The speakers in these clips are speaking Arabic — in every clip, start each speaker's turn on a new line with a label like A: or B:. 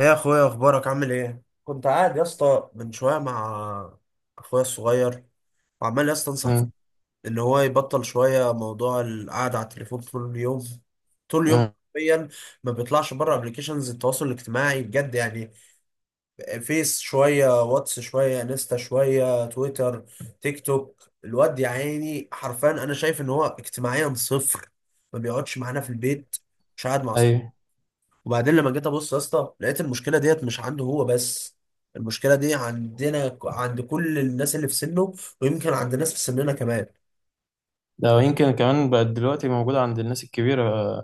A: ايه يا اخويا، اخبارك؟ عامل ايه؟ كنت قاعد يا اسطى من شويه مع اخويا الصغير، وعمال يا اسطى انصح
B: مم.
A: ان هو يبطل شويه موضوع القعده على التليفون طول اليوم طول اليوم
B: مم.
A: حرفيا. ما بيطلعش بره ابلكيشنز التواصل الاجتماعي بجد يعني. فيس شويه، واتس شويه، انستا شويه، تويتر، تيك توك. الواد يا عيني حرفيا انا شايف ان هو اجتماعيا صفر. ما بيقعدش معانا في البيت. مش قاعد مع.
B: ايوه.
A: وبعدين لما جيت ابص يا اسطى لقيت المشكله ديت مش عنده هو بس، المشكله دي عندنا، عند كل الناس اللي في سنه، ويمكن عند ناس في سننا كمان.
B: ده يمكن كمان بقت دلوقتي موجودة عند الناس الكبيرة،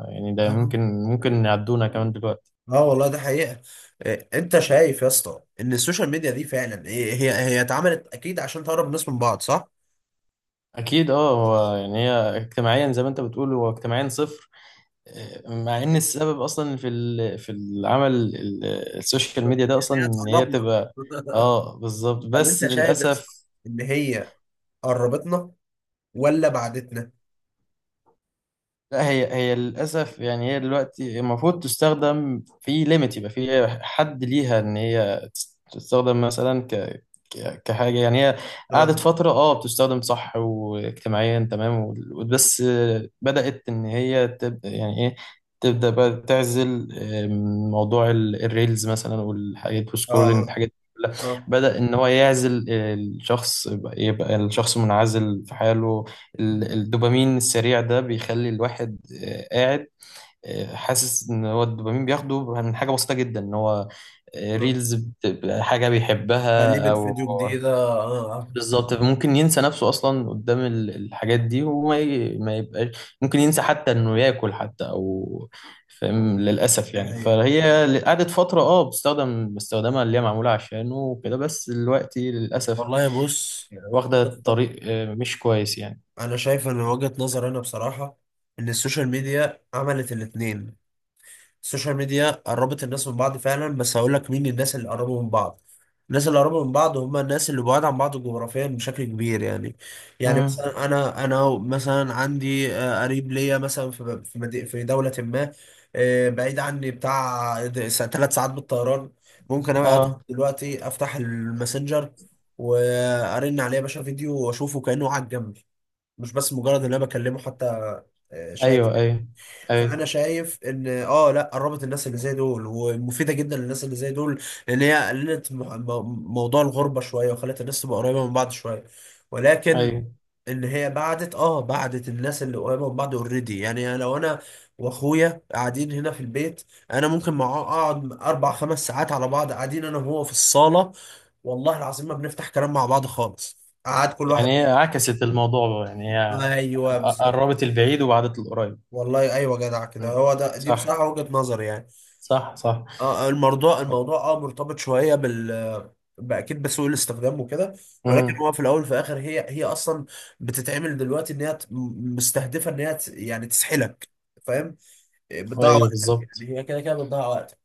B: يعني ده
A: آه.
B: ممكن يعدونا كمان دلوقتي.
A: اه والله، ده حقيقة. انت شايف يا اسطى ان السوشيال ميديا دي فعلا هي اتعملت اكيد عشان تقرب الناس من بعض، صح؟
B: أكيد، هو يعني هي اجتماعيا زي ما أنت بتقول هو اجتماعيا صفر. مع إن
A: إيه،
B: السبب أصلا في السوشيال
A: السوشيال
B: ميديا ده
A: ميديا ان
B: أصلا
A: هي
B: إن هي
A: تقربنا.
B: بتبقى... بالظبط،
A: طب
B: بس
A: انت شايف يا اسطى
B: للأسف.
A: ان هي قربتنا ولا بعدتنا؟
B: لا، هي للأسف، يعني هي دلوقتي المفروض تستخدم في ليميت، يبقى في حد ليها إن هي تستخدم مثلا كحاجة يعني هي
A: اه،
B: قعدت فترة بتستخدم صح واجتماعيا تمام، بس بدأت إن هي تبدأ، يعني إيه، تبدأ بقى تعزل. موضوع الريلز مثلا والحاجات والسكرولينج،
A: اه،
B: الحاجات دي كلها
A: اه،
B: بدأ إن هو يعزل. الشخص يبقى الشخص منعزل في حاله.
A: اه،
B: الدوبامين السريع ده بيخلي الواحد قاعد، حاسس ان هو الدوبامين بياخده من حاجه بسيطه جدا، ان هو
A: آه.
B: ريلز بتبقى حاجه بيحبها
A: تقليبة
B: او
A: فيديو جديدة. اه. آه.
B: بالظبط. ممكن ينسى نفسه اصلا قدام الحاجات دي، وما ي- ما يبقاش، ممكن ينسى حتى انه ياكل حتى او فاهم، للاسف
A: دي
B: يعني.
A: حقيقة
B: فهي قعدت فتره بتستخدم استخدامها اللي هي معموله عشانه وكده، بس دلوقتي للاسف
A: والله. بص،
B: واخده طريق مش كويس يعني.
A: انا شايف ان وجهة نظر انا بصراحة، ان السوشيال ميديا عملت الاتنين. السوشيال ميديا قربت الناس من بعض فعلا، بس هقول لك مين الناس اللي قربوا من بعض. الناس اللي قربوا من بعض هم الناس اللي بعاد عن بعض جغرافيا بشكل كبير يعني. يعني
B: امم.
A: مثلا انا مثلا عندي قريب ليا مثلا في دولة ما، بعيد عني بتاع 3 ساعات بالطيران. ممكن انا ادخل
B: اه.
A: دلوقتي افتح الماسنجر، وارن عليه يا باشا فيديو، واشوفه كأنه قاعد جنبي. مش بس مجرد ان انا بكلمه حتى. شات.
B: ايوه ايوه ايوه
A: فانا شايف ان اه، لا قربت الناس اللي زي دول، ومفيده جدا للناس اللي زي دول، لان هي قللت موضوع الغربه شويه، وخلت الناس تبقى قريبه من بعض شويه، ولكن
B: ايوه.
A: ان هي بعدت بعدت الناس اللي قريبه من بعض اوريدي. يعني لو انا واخويا قاعدين هنا في البيت، انا ممكن معاه اقعد 4 5 ساعات على بعض قاعدين انا وهو في الصاله، والله العظيم ما بنفتح كلام مع بعض خالص، قعد كل واحد.
B: يعني هي عكست الموضوع بقى، يعني هي
A: ايوه بالظبط.
B: قربت البعيد وبعدت القريب.
A: والله ايوه، جدع كده.
B: مم.
A: هو ده دي
B: صح.
A: بصراحه وجهه نظري يعني.
B: صح صح.
A: اه الموضوع مرتبط شويه باكيد بسوء الاستخدام وكده. ولكن
B: امم.
A: هو في الاول وفي الاخر هي اصلا بتتعمل دلوقتي مستهدفه يعني تسحلك. فاهم؟ بتضيع
B: ايوه،
A: وقتك.
B: بالظبط.
A: يعني هي كده كده بتضيع وقتك.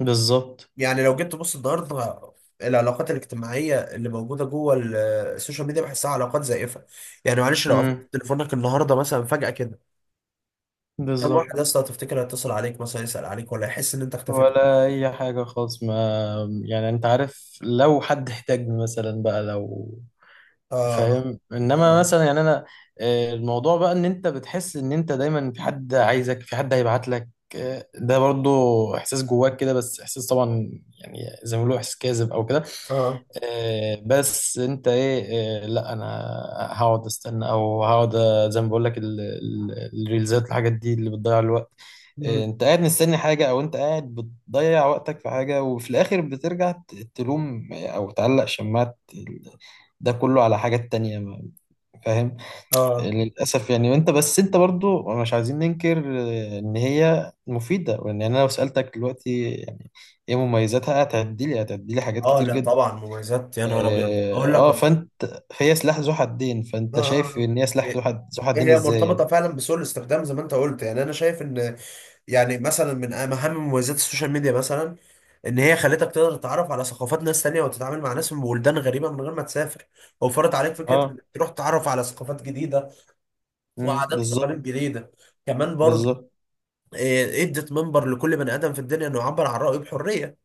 B: بالظبط.
A: يعني لو جيت تبص النهارده، العلاقات الاجتماعيه اللي موجوده جوه السوشيال ميديا بحسها علاقات زائفه. يعني معلش، لو قفلت
B: امم.
A: تليفونك النهارده مثلا فجاه كده، كم واحد
B: بالظبط.
A: يا اسطى هتفتكر هيتصل عليك مثلا يسال عليك ولا يحس ان انت اختفيت؟
B: ولا اي حاجة خالص، ما يعني انت عارف لو حد احتاجني مثلا بقى، لو
A: اه،
B: فاهم، انما
A: اه،
B: مثلا يعني انا الموضوع بقى ان انت بتحس ان انت دايما في حد عايزك، في حد هيبعت لك. ده برضو احساس جواك كده، بس احساس طبعا، يعني زي ما بيقولوا احساس كاذب او كده.
A: اه، آه.
B: بس انت ايه؟ لا انا هقعد استنى، او هقعد، زي ما بقول لك الريلزات الحاجات دي اللي بتضيع الوقت.
A: مم.
B: انت قاعد مستني حاجه، او انت قاعد بتضيع وقتك في حاجه، وفي الاخر بترجع تلوم، او تعلق شماعه ده كله على حاجات تانية فاهم.
A: اه،
B: للاسف يعني. وانت بس انت برضو مش عايزين ننكر ان هي مفيده، وان انا لو سالتك دلوقتي يعني ايه مميزاتها، هتعدي لي حاجات
A: اه،
B: كتير
A: لا
B: جدا.
A: طبعا مميزات، يا نهار ابيض!
B: اه
A: اقول لك
B: فانت فهي سلاح ذو حدين.
A: اه.
B: فانت
A: آه.
B: شايف
A: آه.
B: ان هي سلاح
A: إيه،
B: ذو
A: إيه،
B: حدين
A: هي
B: ازاي يعني؟
A: مرتبطه فعلا بسوء الاستخدام زي ما انت قلت، يعني انا شايف ان، يعني مثلا من اهم مميزات السوشيال ميديا مثلا، ان هي خلتك تقدر تتعرف على ثقافات ناس تانية وتتعامل مع ناس من بلدان غريبه من غير ما تسافر. وفرت عليك فكره
B: اه.
A: انك تروح تتعرف على ثقافات جديده،
B: امم.
A: وعادات
B: بالظبط
A: وتقاليد جديده كمان برضه.
B: بالظبط.
A: ادت منبر لكل بني ادم في الدنيا انه يعبر عن رايه بحريه.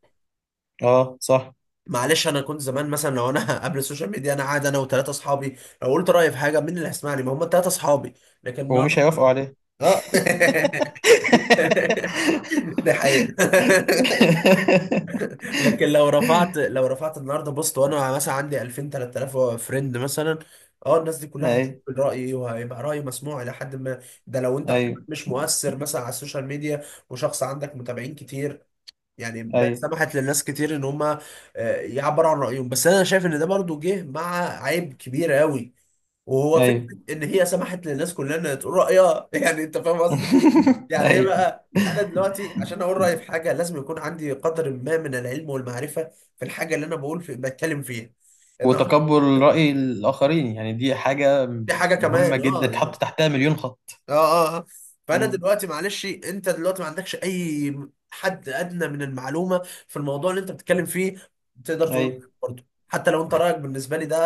B: اه صح.
A: معلش، انا كنت زمان مثلا، لو انا قبل السوشيال ميديا انا قاعد انا وثلاثه اصحابي، لو قلت رايي في حاجه، مين اللي هيسمعني؟ ما هم 3 اصحابي. لكن
B: ومش
A: النهارده.
B: هيوافقوا عليه.
A: اه. ده حقيقه. لكن لو رفعت النهارده بوست وانا مثلا عندي 2000 3000 فريند مثلا، اه، الناس دي كلها هتشوف
B: ايوه
A: رايي وهيبقى رايي مسموع الى حد ما. ده لو انت
B: ايوه
A: مش مؤثر مثلا على السوشيال ميديا وشخص عندك متابعين كتير. يعني بقت
B: ايوه
A: سمحت للناس كتير ان هم يعبروا عن رأيهم. بس انا شايف ان ده برضو جه مع عيب كبير قوي، وهو فكرة
B: ايوه.
A: ان هي سمحت للناس كلها انها تقول رأيها. يعني انت فاهم قصدي. يعني ايه
B: ايوه.
A: بقى؟ انا دلوقتي عشان اقول رأيي في حاجة لازم يكون عندي قدر ما من العلم والمعرفة في الحاجة اللي انا بقول في بتكلم فيها النهارده.
B: وتقبل رأي الآخرين، يعني دي حاجة
A: دي حاجة
B: مهمة
A: كمان،
B: جدا
A: اه
B: تحط
A: يعني.
B: تحتها مليون خط.
A: اه. اه. آه. فانا
B: امم.
A: دلوقتي معلش، انت دلوقتي ما عندكش اي حد ادنى من المعلومه في الموضوع اللي انت بتتكلم فيه، تقدر تقول
B: ايوه
A: برضه حتى لو انت رايك بالنسبه لي ده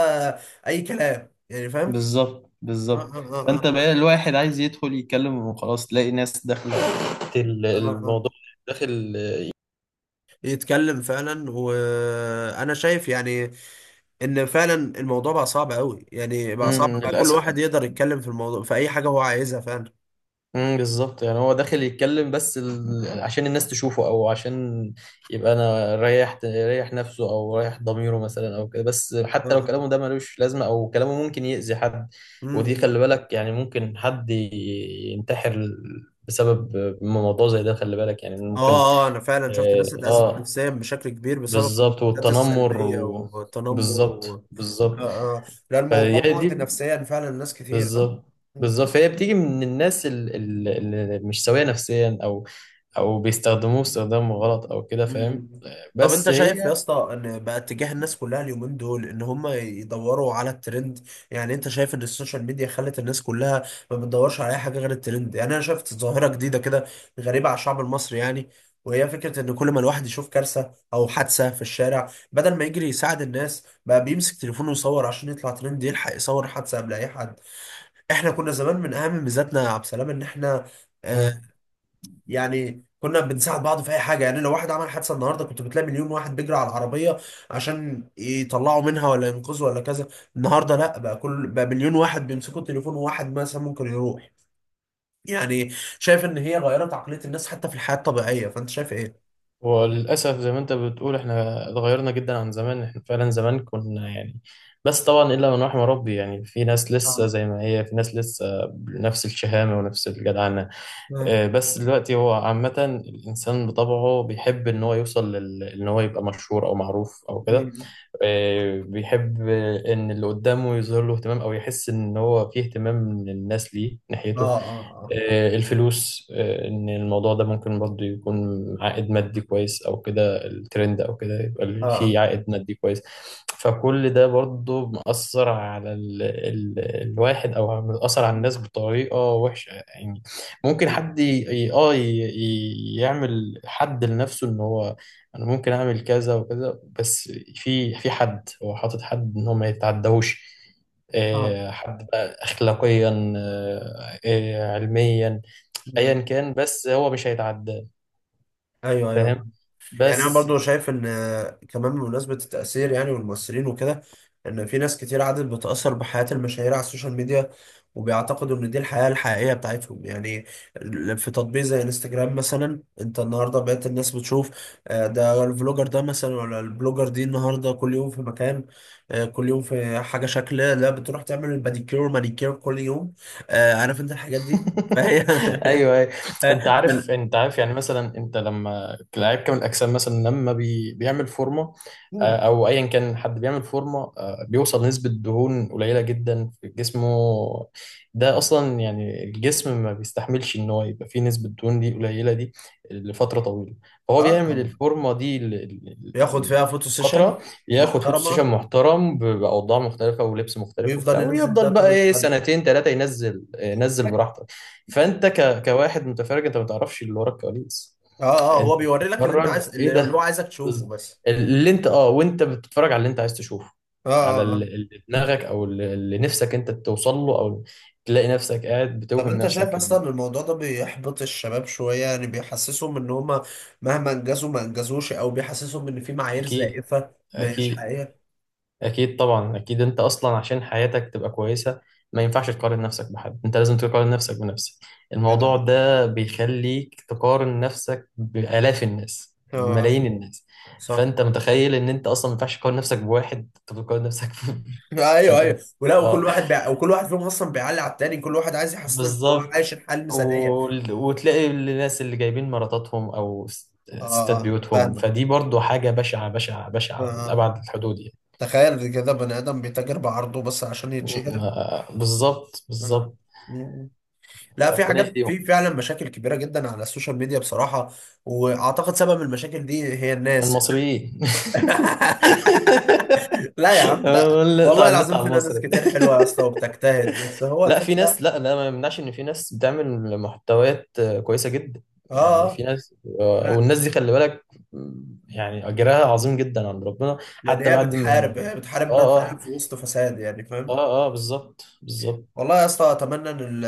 A: اي كلام. يعني فاهم؟
B: بالظبط.
A: آه.
B: بالظبط.
A: آه. آه.
B: فانت
A: آه.
B: بقى الواحد عايز يدخل يتكلم وخلاص تلاقي ناس داخله
A: آه. آه. آه.
B: الموضوع، داخل.
A: يتكلم فعلا، وانا شايف يعني ان فعلا الموضوع بقى صعب قوي، يعني بقى صعب بقى كل
B: للاسف.
A: واحد يقدر يتكلم في الموضوع في اي حاجه هو عايزها فعلا.
B: بالظبط. يعني هو داخل يتكلم، بس عشان الناس تشوفه، او عشان يبقى انا ريح نفسه، او ريح ضميره مثلا، او كده، بس
A: آه.
B: حتى لو
A: آه.
B: كلامه ده ملوش لازمه، او كلامه ممكن يأذي حد. ودي
A: مم.
B: خلي بالك، يعني ممكن حد ينتحر بسبب موضوع زي ده. خلي بالك، يعني ممكن.
A: اه، اه، انا فعلا شفت ناس
B: اه
A: اتأذت نفسيا بشكل كبير بسبب
B: بالظبط
A: الكومنتات
B: والتنمر
A: السلبية
B: و...
A: والتنمر...
B: بالظبط
A: و... آه.
B: بالظبط.
A: آه. لا، الموضوع
B: فهي
A: مؤذي
B: دي
A: نفسيا فعلا ناس كتير. اه.
B: بالظبط بالظبط. فهي بتيجي من الناس اللي مش سوية نفسيا، او او بيستخدموه استخدام غلط او كده، فاهم.
A: مم. طب
B: بس
A: انت شايف يا
B: هي...
A: اسطى ان بقى اتجاه الناس كلها اليومين دول ان هم يدوروا على الترند؟ يعني انت شايف ان السوشيال ميديا خلت الناس كلها ما بتدورش على اي حاجه غير الترند؟ يعني انا شفت ظاهره جديده كده غريبه على الشعب المصري يعني، وهي فكره ان كل ما الواحد يشوف كارثه او حادثه في الشارع بدل ما يجري يساعد الناس بقى بيمسك تليفونه يصور عشان يطلع ترند، يلحق يصور حادثه قبل اي حد. احنا كنا زمان من اهم ميزاتنا يا عبد السلام ان احنا آه،
B: مم.
A: يعني كنا بنساعد بعض في اي حاجه. يعني لو واحد عمل حادثه النهارده كنت بتلاقي مليون واحد بيجري على العربيه عشان يطلعوا منها ولا ينقذوا ولا كذا. النهارده لا، بقى كل بقى مليون واحد بيمسكوا التليفون، وواحد مثلا ممكن يروح يعني. شايف ان هي غيرت عقليه الناس حتى في الحياه الطبيعيه، فانت شايف ايه؟
B: وللاسف زي ما انت بتقول احنا اتغيرنا جدا عن زمان. احنا فعلا زمان كنا يعني، بس طبعا الا من رحم ربي، يعني في ناس لسه
A: اه.
B: زي ما هي، في ناس لسه بنفس الشهامة ونفس الجدعنة.
A: اه.
B: بس دلوقتي هو عامة الإنسان بطبعه بيحب إن هو يوصل إن هو يبقى مشهور أو معروف أو كده.
A: مم.
B: بيحب إن اللي قدامه يظهر له اهتمام، أو يحس إن هو فيه اهتمام من الناس ليه ناحيته.
A: اه. اه.
B: الفلوس، ان الموضوع ده ممكن برضه يكون عائد مادي كويس او كده، الترند او كده
A: اه.
B: يبقى
A: اه.
B: فيه عائد مادي كويس. فكل ده برضه مأثر على ال الواحد، او مأثر على الناس بطريقة وحشة يعني. ممكن
A: مم.
B: حد ي- اه ي- يعمل حد لنفسه ان هو انا ممكن اعمل كذا وكذا، بس في حد هو حاطط حد ان هو ما يتعداهوش.
A: اه.
B: حد بقى اخلاقيا، علميا،
A: مم.
B: ايا كان، بس هو مش هيتعداه
A: ايوه، ايوه.
B: فاهم.
A: يعني انا
B: بس.
A: برضو شايف ان كمان بمناسبة التأثير، يعني والمؤثرين وكده، ان في ناس كتير عادت بتأثر بحياة المشاهير على السوشيال ميديا، وبيعتقدوا ان دي الحياة الحقيقية بتاعتهم يعني. في تطبيق زي انستجرام مثلا، انت النهاردة بقيت الناس بتشوف ده الفلوجر ده مثلا ولا البلوجر دي، النهاردة كل يوم في مكان، كل يوم في حاجة شكل، لا بتروح تعمل الباديكير والمانيكير كل يوم، عارف انت الحاجات دي، فهي.
B: ايوه أيوة.
A: فال-
B: انت عارف يعني مثلا انت لما لعيب كمال الاجسام مثلا لما بيعمل فورمه. او ايا كان حد بيعمل فورمه، بيوصل نسبه دهون قليله جدا في جسمه. ده اصلا يعني الجسم ما بيستحملش ان هو يبقى فيه نسبه دهون دي قليله دي لفتره طويله. فهو
A: اه
B: بيعمل
A: طبعا،
B: الفورمه دي
A: بياخد فيها فوتو سيشن
B: فترة، ياخد فوتو سيشن
A: محترمه
B: محترم بأوضاع مختلفة ولبس مختلف وبتاع،
A: ويفضل ينزل ده
B: ويفضل بقى
A: كل
B: ايه
A: يوم.
B: سنتين ثلاثة ينزل، ينزل براحته. فانت كواحد متفرج انت ما تعرفش اللي ورا الكواليس.
A: اه، اه، هو
B: انت
A: بيوري لك اللي انت
B: بتتفرج
A: عايز،
B: ايه
A: اللي هو
B: ده؟
A: عايزك تشوفه
B: بز-
A: بس.
B: اللي انت وانت بتتفرج على اللي انت عايز تشوفه،
A: اه.
B: على
A: اه. اه.
B: اللي دماغك، او اللي نفسك انت توصل له، او تلاقي نفسك قاعد
A: طب
B: بتوهم
A: انت شايف
B: نفسك إن...
A: اصلا الموضوع ده بيحبط الشباب شوية؟ يعني بيحسسهم ان هما مهما انجزوا ما انجزوش، او بيحسسهم ان في معايير
B: اكيد.
A: زائفة ما هياش
B: اكيد.
A: حقيقية.
B: أكيد طبعا. أكيد أنت أصلا عشان حياتك تبقى كويسة ما ينفعش تقارن نفسك بحد، أنت لازم تقارن نفسك بنفسك.
A: جدع.
B: الموضوع ده بيخليك تقارن نفسك بآلاف الناس،
A: اه. آه.
B: بملايين الناس.
A: صح.
B: فأنت متخيل إن أنت أصلا ما ينفعش تقارن نفسك بواحد، أنت بتقارن نفسك
A: ايوه،
B: فأنت
A: ايوه، ولا
B: آه،
A: وكل واحد فيهم اصلا بيعلي على التاني. كل واحد عايز يحسسك ان هو
B: بالظبط.
A: عايش الحياة المثالية.
B: وال- وتلاقي الناس اللي جايبين مراتاتهم أو
A: اه،
B: ستات
A: اه،
B: بيوتهم،
A: فاهمك.
B: فدي برضو حاجة بشعة بشعة
A: اه.
B: بشعة
A: آه.
B: لأبعد الحدود يعني.
A: تخيل كده بني ادم بيتاجر بعرضه بس عشان يتشهر.
B: بالظبط
A: أنا-
B: بالظبط.
A: مم. لا، في
B: ربنا
A: حاجات،
B: يهديهم
A: في فعلا مشاكل كبيره جدا على السوشيال ميديا بصراحه. واعتقد سبب المشاكل دي هي الناس.
B: المصريين.
A: لا يا عم، لا،
B: أنا نقطع
A: والله
B: النت
A: العظيم
B: على
A: فينا ناس
B: المصري.
A: كتير حلوه يا اسطى وبتجتهد، بس هو
B: لا، في
A: الفكره.
B: ناس، لا لا، ما يمنعش ان في ناس بتعمل محتويات كويسه جدا،
A: اه.
B: يعني
A: آه.
B: في ناس.
A: لا،
B: والناس دي خلي بالك، يعني اجرها عظيم جدا عند ربنا
A: لان
B: حتى
A: هي
B: بعد ما...
A: بتحارب هي بتحارب بقى
B: اه
A: فعلا
B: اه.
A: في وسط فساد، يعني فاهم.
B: اه اه بالظبط بالظبط.
A: والله يا اسطى اتمنى ان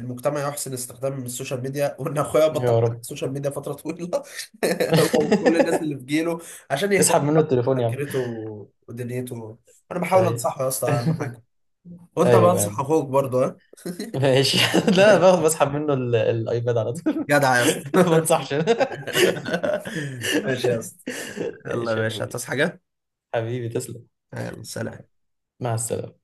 A: المجتمع يحسن استخدام السوشيال ميديا، وان اخويا بطل
B: يا
A: على
B: رب.
A: السوشيال ميديا فتره طويله. هو وكل الناس اللي في جيله، عشان يهتم
B: اسحب منه التليفون يا عم.
A: بذاكرته ودنيته. انا بحاول
B: ايوه.
A: انصحه يا اسطى اهم حاجه. وانت
B: ايوه.
A: بنصح اخوك برضه ها؟
B: ماشي. لا، بسحب منه الايباد على طول.
A: جدع يا اسطى.
B: ما بنصحش.
A: ماشي يا اسطى. يلا يا
B: ماشي يا
A: باشا،
B: اخوي.
A: هتصحى حاجه؟
B: حبيبي تسلم.
A: يلا سلام.
B: مع السلامة.